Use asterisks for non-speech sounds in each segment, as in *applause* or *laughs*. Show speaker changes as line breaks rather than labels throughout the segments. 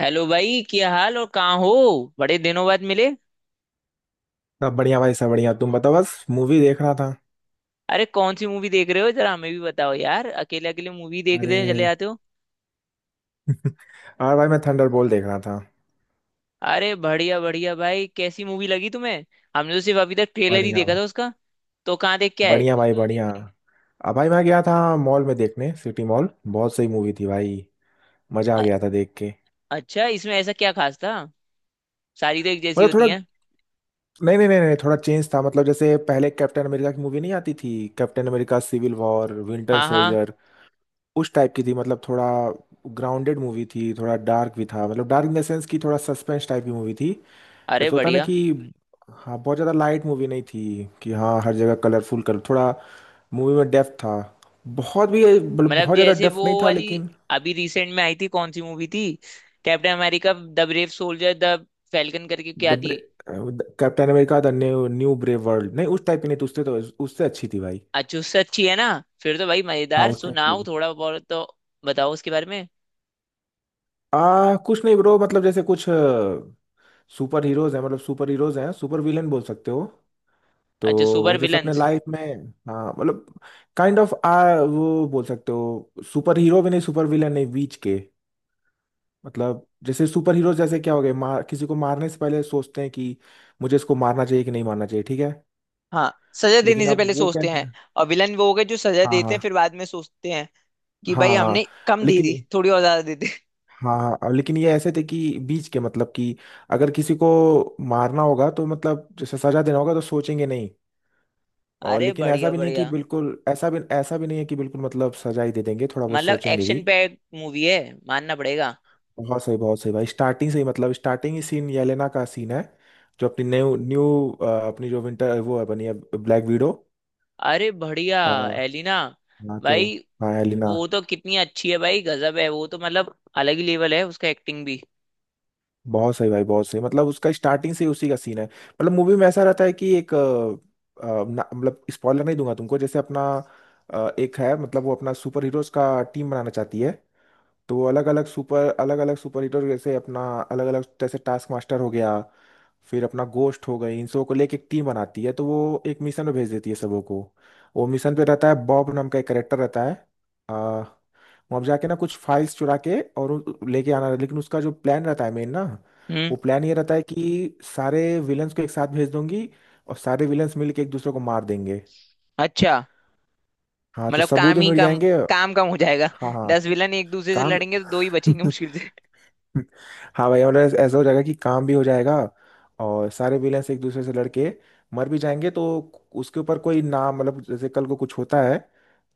Hello भाई, क्या हाल और कहाँ हो। बड़े दिनों बाद मिले।
सब बढ़िया भाई, सब बढ़िया। तुम बताओ, बस मूवी देख रहा था।
अरे कौन सी मूवी देख रहे हो, जरा हमें भी बताओ यार, अकेले अकेले मूवी देख रहे चले
अरे।
जाते हो।
और भाई, मैं थंडरबोल्ट देख रहा था।
अरे बढ़िया बढ़िया भाई, कैसी मूवी लगी तुम्हें? हमने तो सिर्फ अभी तक ट्रेलर ही
बढ़िया
देखा
भाई।
था उसका। तो कहाँ देख के आए?
बढ़िया भाई, बढ़िया। अब भाई, मैं गया था मॉल में देखने, सिटी मॉल। बहुत सही मूवी थी भाई। मजा आ
अ-
गया था देख के।
अच्छा, इसमें ऐसा क्या खास था? सारी तो एक जैसी
मतलब
होती
थोड़ा।
हैं।
नहीं नहीं नहीं नहीं, थोड़ा चेंज था, मतलब जैसे पहले कैप्टन अमेरिका की मूवी नहीं आती थी। Captain America civil war, winter
हाँ हाँ।
सोल्जर, उस टाइप की थी। मतलब थोड़ा ग्राउंडेड मूवी थी, थोड़ा डार्क भी था। मतलब डार्क इन द सेंस की थोड़ा सस्पेंस टाइप की मूवी थी।
अरे
जैसे होता है ना
बढ़िया।
कि हाँ, बहुत ज़्यादा लाइट मूवी नहीं थी कि हाँ हर जगह कलरफुल कर। थोड़ा मूवी में डेप्थ था। बहुत भी, मतलब
मतलब
बहुत ज़्यादा
जैसे वो
डेप्थ नहीं था,
वाली
लेकिन।
अभी रिसेंट में आई थी, कौन सी मूवी थी, Captain America the brave soldier, the falcon करके क्या थी?
The, Captain America the new new brave world, नहीं उस टाइप की नहीं थी उससे तो। उससे अच्छी थी भाई।
अच्छी, उससे अच्छी है ना? फिर तो भाई
हाँ
मजेदार,
उससे अच्छी
सुनाओ
थी।
थोड़ा बहुत तो, बताओ उसके बारे में।
कुछ नहीं ब्रो, मतलब जैसे कुछ सुपर हीरोज हैं, मतलब सुपर हीरोज हैं, सुपर विलेन बोल सकते हो। तो
अच्छा,
वो
सुपर
जैसे अपने
विलन्स।
लाइफ में, हाँ मतलब काइंड ऑफ आ वो बोल सकते हो, सुपर हीरो भी नहीं, सुपर विलेन नहीं, बीच के। मतलब जैसे सुपर हीरो जैसे क्या हो गए, मार, किसी को मारने से पहले सोचते हैं कि मुझे इसको मारना चाहिए कि नहीं मारना चाहिए, ठीक है।
हाँ, सजा देने
लेकिन
से
अब
पहले
वो
सोचते हैं।
कैसे।
और विलन वो हो गए जो सजा
हाँ
देते
हाँ
हैं फिर बाद में सोचते हैं कि
हाँ
भाई
हाँ।
हमने कम दे
लेकिन
दी थोड़ी और ज्यादा दे दी।
हाँ हाँ, अब लेकिन ये ऐसे थे कि बीच के, मतलब कि अगर किसी को मारना होगा तो मतलब जैसे सजा देना होगा तो सोचेंगे नहीं। और
अरे
लेकिन ऐसा
बढ़िया
भी नहीं कि
बढ़िया।
बिल्कुल, ऐसा भी नहीं है कि बिल्कुल मतलब सजा ही दे देंगे, थोड़ा बहुत
मतलब
सोचेंगे भी।
एक्शन पैक मूवी है, मानना पड़ेगा।
बहुत सही भाई, स्टार्टिंग से ही मतलब स्टार्टिंग ही सीन येलेना का सीन है। जो अपनी न्यू न्यू अपनी जो विंटर वो है बनी है, ब्लैक विडो।
अरे बढ़िया।
अ,
एलिना।
हाँ तो।
भाई
हाँ एलिना।
वो तो कितनी अच्छी है भाई, गजब है वो तो, मतलब अलग ही लेवल है उसका, एक्टिंग भी।
बहुत सही भाई बहुत सही, मतलब उसका स्टार्टिंग से ही उसी का सीन है। मतलब मूवी में ऐसा रहता है कि एक मतलब स्पॉइलर नहीं दूंगा तुमको, जैसे अपना एक है। मतलब वो अपना सुपर हीरोज का टीम बनाना चाहती है। तो वो अलग अलग सुपर हीरो जैसे अपना अलग अलग जैसे टास्क मास्टर हो गया, फिर अपना गोस्ट हो गई, इन सबको लेके एक टीम बनाती है। तो वो एक मिशन में भेज देती है सबों को। वो मिशन पे रहता है, बॉब नाम का एक करेक्टर रहता है। आ, वहाँ पे जाके ना कुछ फाइल्स चुरा के और लेके आना। लेकिन उसका जो प्लान रहता है मेन ना,
हम्म।
वो प्लान ये रहता है कि सारे विलन्स को एक साथ भेज दूंगी, और सारे विलन्स मिलके एक दूसरे को मार देंगे।
अच्छा।
हाँ तो
मतलब
सबूत
काम
भी
ही
मिल
कम,
जाएंगे।
काम कम हो जाएगा।
हाँ
*laughs*
हाँ।
10 विलन एक दूसरे से
काम।
लड़ेंगे तो दो ही बचेंगे
*laughs*
मुश्किल से।
हाँ भाई, और ऐसा हो जाएगा कि काम भी हो जाएगा, और सारे विलेंस एक दूसरे से लड़के मर भी जाएंगे तो उसके ऊपर कोई नाम, मतलब जैसे कल को कुछ होता है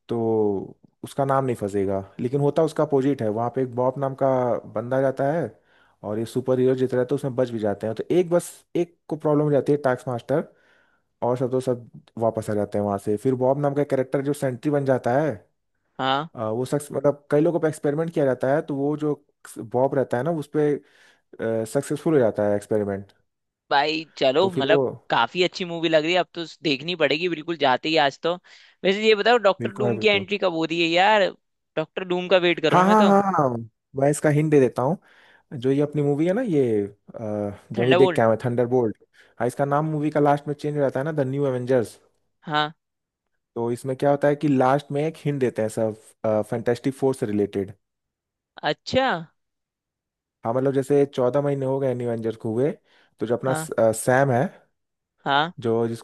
तो उसका नाम नहीं फंसेगा। लेकिन होता उसका अपोजिट है। वहाँ पे एक बॉब नाम का बंदा जाता है, और ये सुपर हीरो जितना रहता है तो उसमें बच भी जाते हैं, तो एक बस एक को प्रॉब्लम हो जाती है, टास्क मास्टर। और सब तो सब वापस आ जाते हैं वहाँ से। फिर बॉब नाम का कैरेक्टर जो सेंट्री बन जाता है,
हाँ
वो शख्स, मतलब कई लोगों पर एक्सपेरिमेंट किया जाता है तो वो जो बॉब रहता है ना उस पे सक्सेसफुल हो जाता है एक्सपेरिमेंट।
भाई। चलो,
तो फिर वो।
मतलब काफी अच्छी मूवी लग रही है, अब तो देखनी पड़ेगी बिल्कुल, जाते ही आज तो। वैसे ये बताओ डॉक्टर
बिल्कुल है
डूम की
बिल्कुल।
एंट्री कब हो रही है यार? डॉक्टर डूम का वेट कर रहा
हाँ
हूँ मैं
हाँ
तो।
हाँ हाँ। मैं इसका हिंट दे देता हूँ। जो ये अपनी मूवी है ना ये, जो अभी देख के
थंडरबोल्ट।
आए हैं, थंडरबोल्ट। हाँ, इसका नाम मूवी का लास्ट में चेंज हो जाता है ना, द न्यू एवेंजर्स।
हाँ।
तो इसमें क्या होता है कि लास्ट में एक हिंट देते हैं सब, फैंटेस्टिक फोर से रिलेटेड।
अच्छा।
हाँ मतलब जैसे 14 महीने हो गए न्यू एवेंजर्स को हुए। तो जो अपना
हाँ
सैम है,
हाँ
जो जिस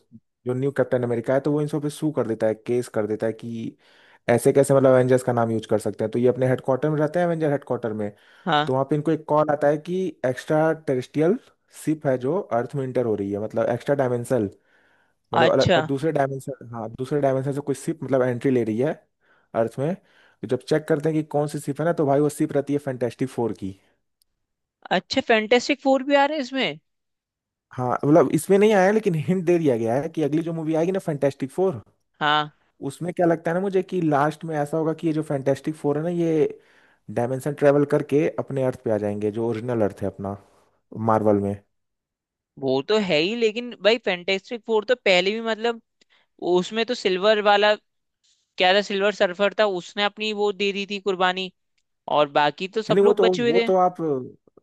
जो न्यू कैप्टन अमेरिका है, तो वो इन सब पे सू कर देता है, केस कर देता है कि ऐसे कैसे, मतलब एवेंजर्स का नाम यूज कर सकते हैं। तो ये अपने हेडक्वार्टर में रहते हैं, एवेंजर हेडक्वार्टर में।
हाँ।
तो वहाँ पे इनको एक कॉल आता है कि एक्स्ट्रा टेरेस्ट्रियल शिप है जो अर्थ में इंटर हो रही है, मतलब एक्स्ट्रा डायमेंशनल, मतलब अलग
अच्छा
दूसरे डायमेंशन, हाँ दूसरे डायमेंशन से कोई शिप मतलब एंट्री ले रही है अर्थ में। तो जब चेक करते हैं कि कौन सी शिप है ना, तो भाई वो शिप रहती है फैंटेस्टिक फोर की।
अच्छा। फैंटेस्टिक फोर भी आ रहे हैं इसमें?
हाँ मतलब इसमें नहीं आया, लेकिन हिंट दे दिया गया है कि अगली जो मूवी आएगी ना, फैंटेस्टिक फोर,
हाँ।
उसमें क्या लगता है ना मुझे कि लास्ट में ऐसा होगा कि ये जो फैंटेस्टिक फोर है ना, ये डायमेंशन ट्रेवल करके अपने अर्थ पे आ जाएंगे, जो ओरिजिनल अर्थ है अपना मार्वल में। नहीं,
वो तो है ही, लेकिन भाई फैंटेस्टिक फोर तो पहले भी मतलब, उसमें तो सिल्वर वाला क्या था, सिल्वर सर्फर था, उसने अपनी वो दे दी थी कुर्बानी, और बाकी तो सब
नहीं
लोग बचे हुए थे।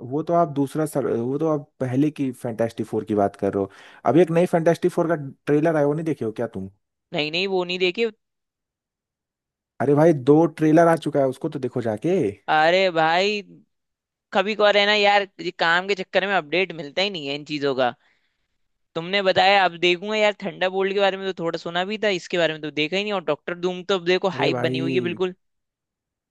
वो तो आप पहले की फैंटेस्टिक फोर की बात कर रहे हो। अभी एक नई फैंटेस्टिक फोर का ट्रेलर आया, वो नहीं देखे हो क्या तुम?
नहीं नहीं, वो नहीं देखे।
अरे भाई, दो ट्रेलर आ चुका है उसको, तो देखो जाके।
अरे भाई। कभी कभार है ना यार, ये काम के चक्कर में अपडेट मिलता ही नहीं है इन चीजों का। तुमने बताया, अब देखूंगा यार। थंडरबोल्ट के बारे में तो थोड़ा सुना भी था, इसके बारे में तो देखा ही नहीं। और डॉक्टर धूम तो अब देखो
अरे
हाइप बनी हुई है
भाई।
बिल्कुल।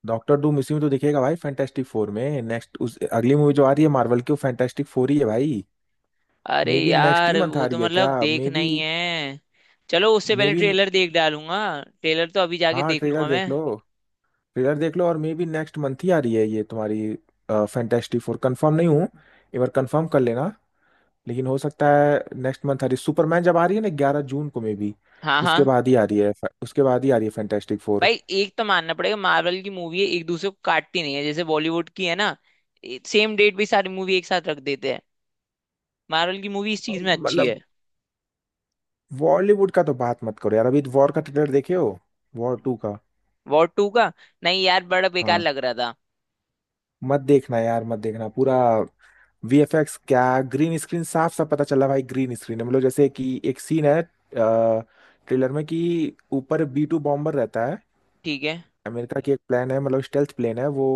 डॉक्टर डूम इसी में तो दिखेगा भाई, फैंटेस्टिक फोर में, नेक्स्ट उस अगली मूवी जो आ रही है मार्वल की वो फैंटेस्टिक फोर ही है भाई।
अरे
मे बी नेक्स्ट ही
यार
मंथ
वो
आ
तो
रही है क्या,
मतलब
मे
देखना
बी।
ही है। चलो उससे
मे
पहले
बी।
ट्रेलर देख डालूंगा। ट्रेलर तो अभी जाके
हाँ,
देख
ट्रेलर
लूंगा मैं।
देख लो। ट्रेलर देख लो, और मे बी नेक्स्ट मंथ ही आ रही है ये तुम्हारी फैंटेस्टिक फोर, कंफर्म नहीं हूँ, एक बार कंफर्म कर लेना। लेकिन हो सकता है नेक्स्ट मंथ आ रही सुपरमैन जब आ रही है ना 11 जून को, मे बी
हाँ हाँ।
उसके बाद ही आ रही है। उसके बाद ही आ रही है फैंटेस्टिक फोर।
भाई एक तो मानना पड़ेगा, मार्वल की मूवी है, एक दूसरे को काटती नहीं है, जैसे बॉलीवुड की है ना, सेम डेट भी सारी मूवी एक साथ रख देते हैं। मार्वल की मूवी इस चीज में अच्छी
मतलब
है।
बॉलीवुड का तो बात मत करो यार, अभी वॉर का ट्रेलर देखे हो, वॉर टू का?
वॉर 2 का? नहीं यार, बड़ा बेकार
हाँ,
लग रहा था।
मत देखना यार, मत देखना पूरा। वीएफएक्स क्या, ग्रीन स्क्रीन साफ साफ पता चला भाई ग्रीन स्क्रीन है। मतलब जैसे कि एक सीन है ट्रेलर में कि ऊपर B2 बॉम्बर रहता है,
ठीक है।
अमेरिका की एक प्लेन है, मतलब स्टेल्थ प्लेन है वो,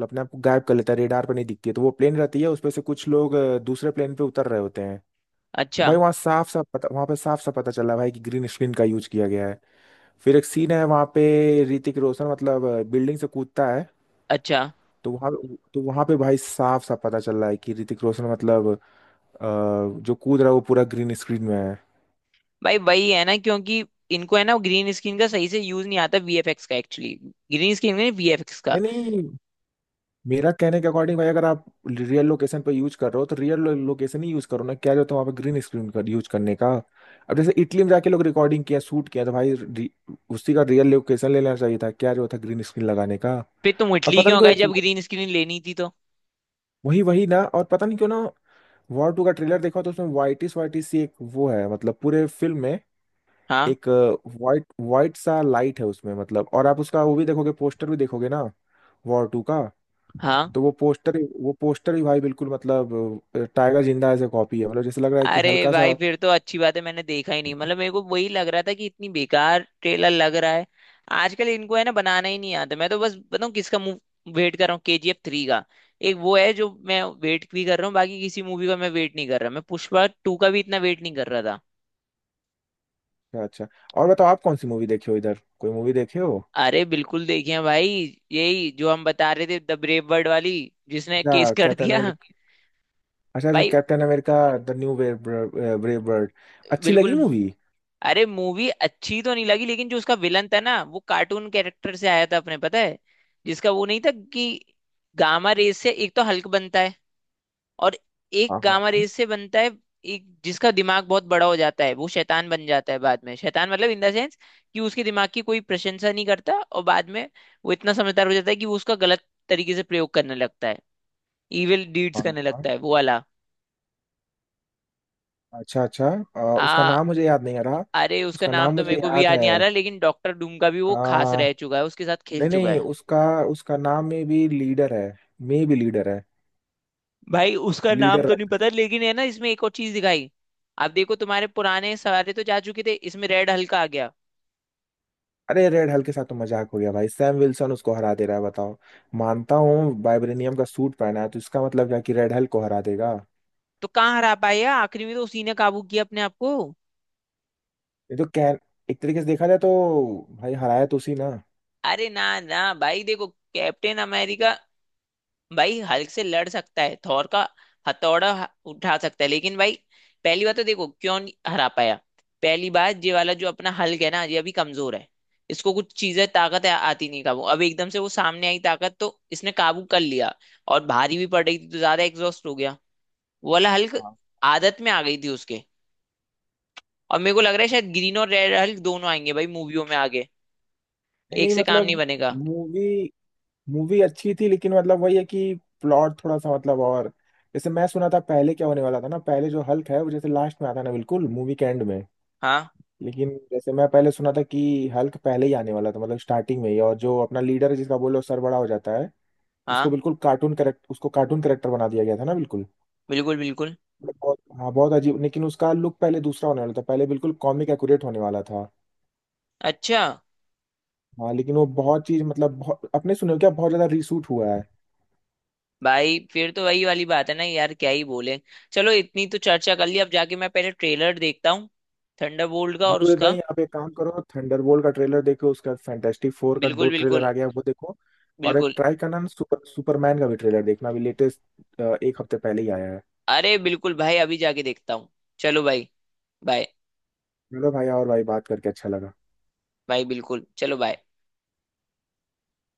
मतलब अपने आप को गायब कर लेता है, रेडार पर नहीं दिखती है। तो वो प्लेन रहती है उसपे से कुछ लोग दूसरे प्लेन पे उतर रहे होते हैं। तो
अच्छा।
भाई वहाँ साफ साफ पता, वहाँ पे साफ साफ पता चला भाई कि ग्रीन स्क्रीन का यूज किया गया है। फिर एक सीन है वहाँ पे, ऋतिक रोशन मतलब बिल्डिंग से कूदता है।
अच्छा।
तो वहाँ, तो वहाँ पे भाई साफ साफ पता चल रहा है कि ऋतिक रोशन मतलब अ, जो कूद रहा है वो पूरा ग्रीन स्क्रीन में है।
भाई वही है ना, क्योंकि इनको है ना ग्रीन स्क्रीन का सही से यूज नहीं आता, वीएफएक्स का, एक्चुअली ग्रीन स्क्रीन नहीं वीएफएक्स का।
नहीं नहीं, मेरा कहने के अकॉर्डिंग भाई, अगर आप रियल लोकेशन पे यूज कर रहे हो तो रियल लोकेशन ही यूज करो ना, क्या जो तुम वहाँ पे ग्रीन स्क्रीन कर यूज करने का। अब जैसे इटली में जाके लोग रिकॉर्डिंग किया, शूट किया, तो भाई उसी का रियल लोकेशन ले लेना चाहिए था, क्या जो था ग्रीन स्क्रीन लगाने का।
फिर तुम
और
इटली
पता नहीं
क्यों
क्यों
गए
एक,
जब ग्रीन स्क्रीन लेनी थी तो?
वही वही ना, और पता नहीं क्यों ना, वॉर टू का ट्रेलर देखा तो उसमें वाइटिस वाइटिस सी एक वो है, मतलब पूरे फिल्म में
हाँ
एक वाइट वाइट सा लाइट है उसमें, मतलब। और आप उसका वो भी देखोगे, पोस्टर भी देखोगे ना, वॉर टू का।
हाँ।
तो वो पोस्टर भी भाई बिल्कुल मतलब टाइगर जिंदा ऐसे कॉपी है, मतलब जैसे लग रहा है कि
अरे
हल्का सा।
भाई फिर तो अच्छी बात है, मैंने देखा ही नहीं, मतलब मेरे को वही लग रहा था कि इतनी बेकार ट्रेलर लग रहा है। आजकल इनको है ना बनाना ही नहीं आता। मैं तो बस बताऊँ किसका मुंह वेट कर रहा हूँ, KGF 3 का। एक वो है जो मैं वेट भी कर रहा हूँ, बाकी किसी मूवी का मैं वेट नहीं कर रहा। मैं पुष्पा 2 का भी इतना वेट नहीं कर रहा था।
अच्छा। और बताओ आप कौन सी मूवी देखे हो, इधर कोई मूवी देखे हो?
अरे बिल्कुल देखिए हैं भाई, यही जो हम बता रहे थे द ब्रेव वर्ल्ड वाली, जिसने केस
अच्छा
कर
कैप्टन
दिया।
अमेरिका, अच्छा अच्छा
भाई
Captain America. The New Brave World, अच्छी लगी
बिल्कुल।
मूवी?
अरे मूवी अच्छी तो नहीं लगी, लेकिन जो उसका विलन था ना वो कार्टून कैरेक्टर से आया था अपने, पता है, जिसका वो नहीं था कि गामा रेस से एक तो हल्क बनता है, और एक
हाँ हाँ
गामा
हाँ
रेस से बनता है, एक जिसका दिमाग बहुत बड़ा हो जाता है, वो शैतान बन जाता है बाद में, शैतान मतलब इन द सेंस कि उसके दिमाग की कोई प्रशंसा नहीं करता, और बाद में वो इतना समझदार हो जाता है कि वो उसका गलत तरीके से प्रयोग करने लगता है, इविल डीड्स
हाँ
करने
हाँ।
लगता है वो वाला।
अच्छा अच्छा। उसका नाम मुझे याद नहीं आ रहा।
अरे उसका
उसका
नाम
नाम
तो
मुझे
मेरे को भी
याद
याद
है।
नहीं आ रहा, लेकिन डॉक्टर डूम का भी
आ,
वो खास रह चुका है, उसके साथ खेल
नहीं
चुका
नहीं
है।
उसका, उसका नाम में भी लीडर है, में भी लीडर है।
भाई उसका नाम
लीडर
तो नहीं
रख।
पता, लेकिन है ना इसमें एक और चीज दिखाई, आप देखो तुम्हारे पुराने सवारे तो जा चुके थे इसमें, रेड हल्का आ गया।
अरे रेड हल्क के साथ तो मजाक हो गया भाई, सैम विल्सन उसको हरा दे रहा है बताओ। मानता हूँ वाइब्रेनियम का सूट पहना है, तो इसका मतलब क्या कि रेड हल्क को हरा देगा।
तो कहाँ हरा पाए यार, आखिरी में तो उसी ने काबू किया अपने आप को।
ये तो कैन, एक तरीके से देखा जाए तो भाई हराया तो उसी ना।
अरे ना ना भाई देखो, कैप्टन अमेरिका भाई हल्क से लड़ सकता है, थॉर का हथौड़ा उठा सकता है, लेकिन भाई पहली बात तो देखो क्यों नहीं हरा पाया। पहली बात, ये वाला जो अपना हल्क है ना ये अभी कमजोर है, इसको कुछ चीजें ताकत आती नहीं काबू, अब एकदम से वो सामने आई ताकत तो इसने काबू कर लिया, और भारी भी पड़ रही थी तो ज्यादा एग्जॉस्ट हो गया वो वाला हल्क,
हाँ।
आदत में आ गई थी उसके। और मेरे को लग रहा है शायद ग्रीन और रेड हल्क दोनों आएंगे भाई मूवियों में आगे,
नहीं
एक
नहीं
से काम नहीं
मतलब,
बनेगा।
मूवी, मूवी अच्छी थी लेकिन मतलब वही है कि प्लॉट थोड़ा सा मतलब, और जैसे मैं सुना था पहले क्या होने वाला था ना, पहले जो हल्क है वो जैसे लास्ट में आता है ना, बिल्कुल मूवी के एंड में।
हाँ
लेकिन जैसे मैं पहले सुना था कि हल्क पहले ही आने वाला था, मतलब स्टार्टिंग में ही, और जो अपना लीडर है जिसका बोलो सर बड़ा हो जाता है, उसको
हाँ।
बिल्कुल कार्टून करेक्टर बना दिया गया था ना, बिल्कुल।
बिल्कुल बिल्कुल।
मतलब बहुत हाँ, बहुत अजीब, लेकिन उसका लुक पहले दूसरा होने वाला था, पहले बिल्कुल कॉमिक एक्यूरेट होने वाला था।
अच्छा।
हाँ लेकिन वो बहुत चीज मतलब बहुत, अपने सुने हो क्या, बहुत ज्यादा रीशूट हुआ है।
भाई फिर तो वही वाली बात है ना यार, क्या ही बोले। चलो, इतनी तो चर्चा कर ली, अब जाके मैं पहले ट्रेलर देखता हूँ थंडरबोल्ट का और
बिल्कुल
उसका।
नहीं, आप एक काम करो, थंडरबोल्ट का ट्रेलर देखो, उसका फैंटास्टिक फोर का दो
बिल्कुल
ट्रेलर
बिल्कुल।
आ गया वो देखो। और एक
बिल्कुल।
ट्राई करना ना, सुपरमैन का भी ट्रेलर देखना, अभी लेटेस्ट एक हफ्ते पहले ही आया है।
अरे बिल्कुल भाई, अभी जाके देखता हूँ। चलो भाई। बाय।
चलो भाई, और भाई बात करके अच्छा लगा।
भाई बिल्कुल। चलो बाय।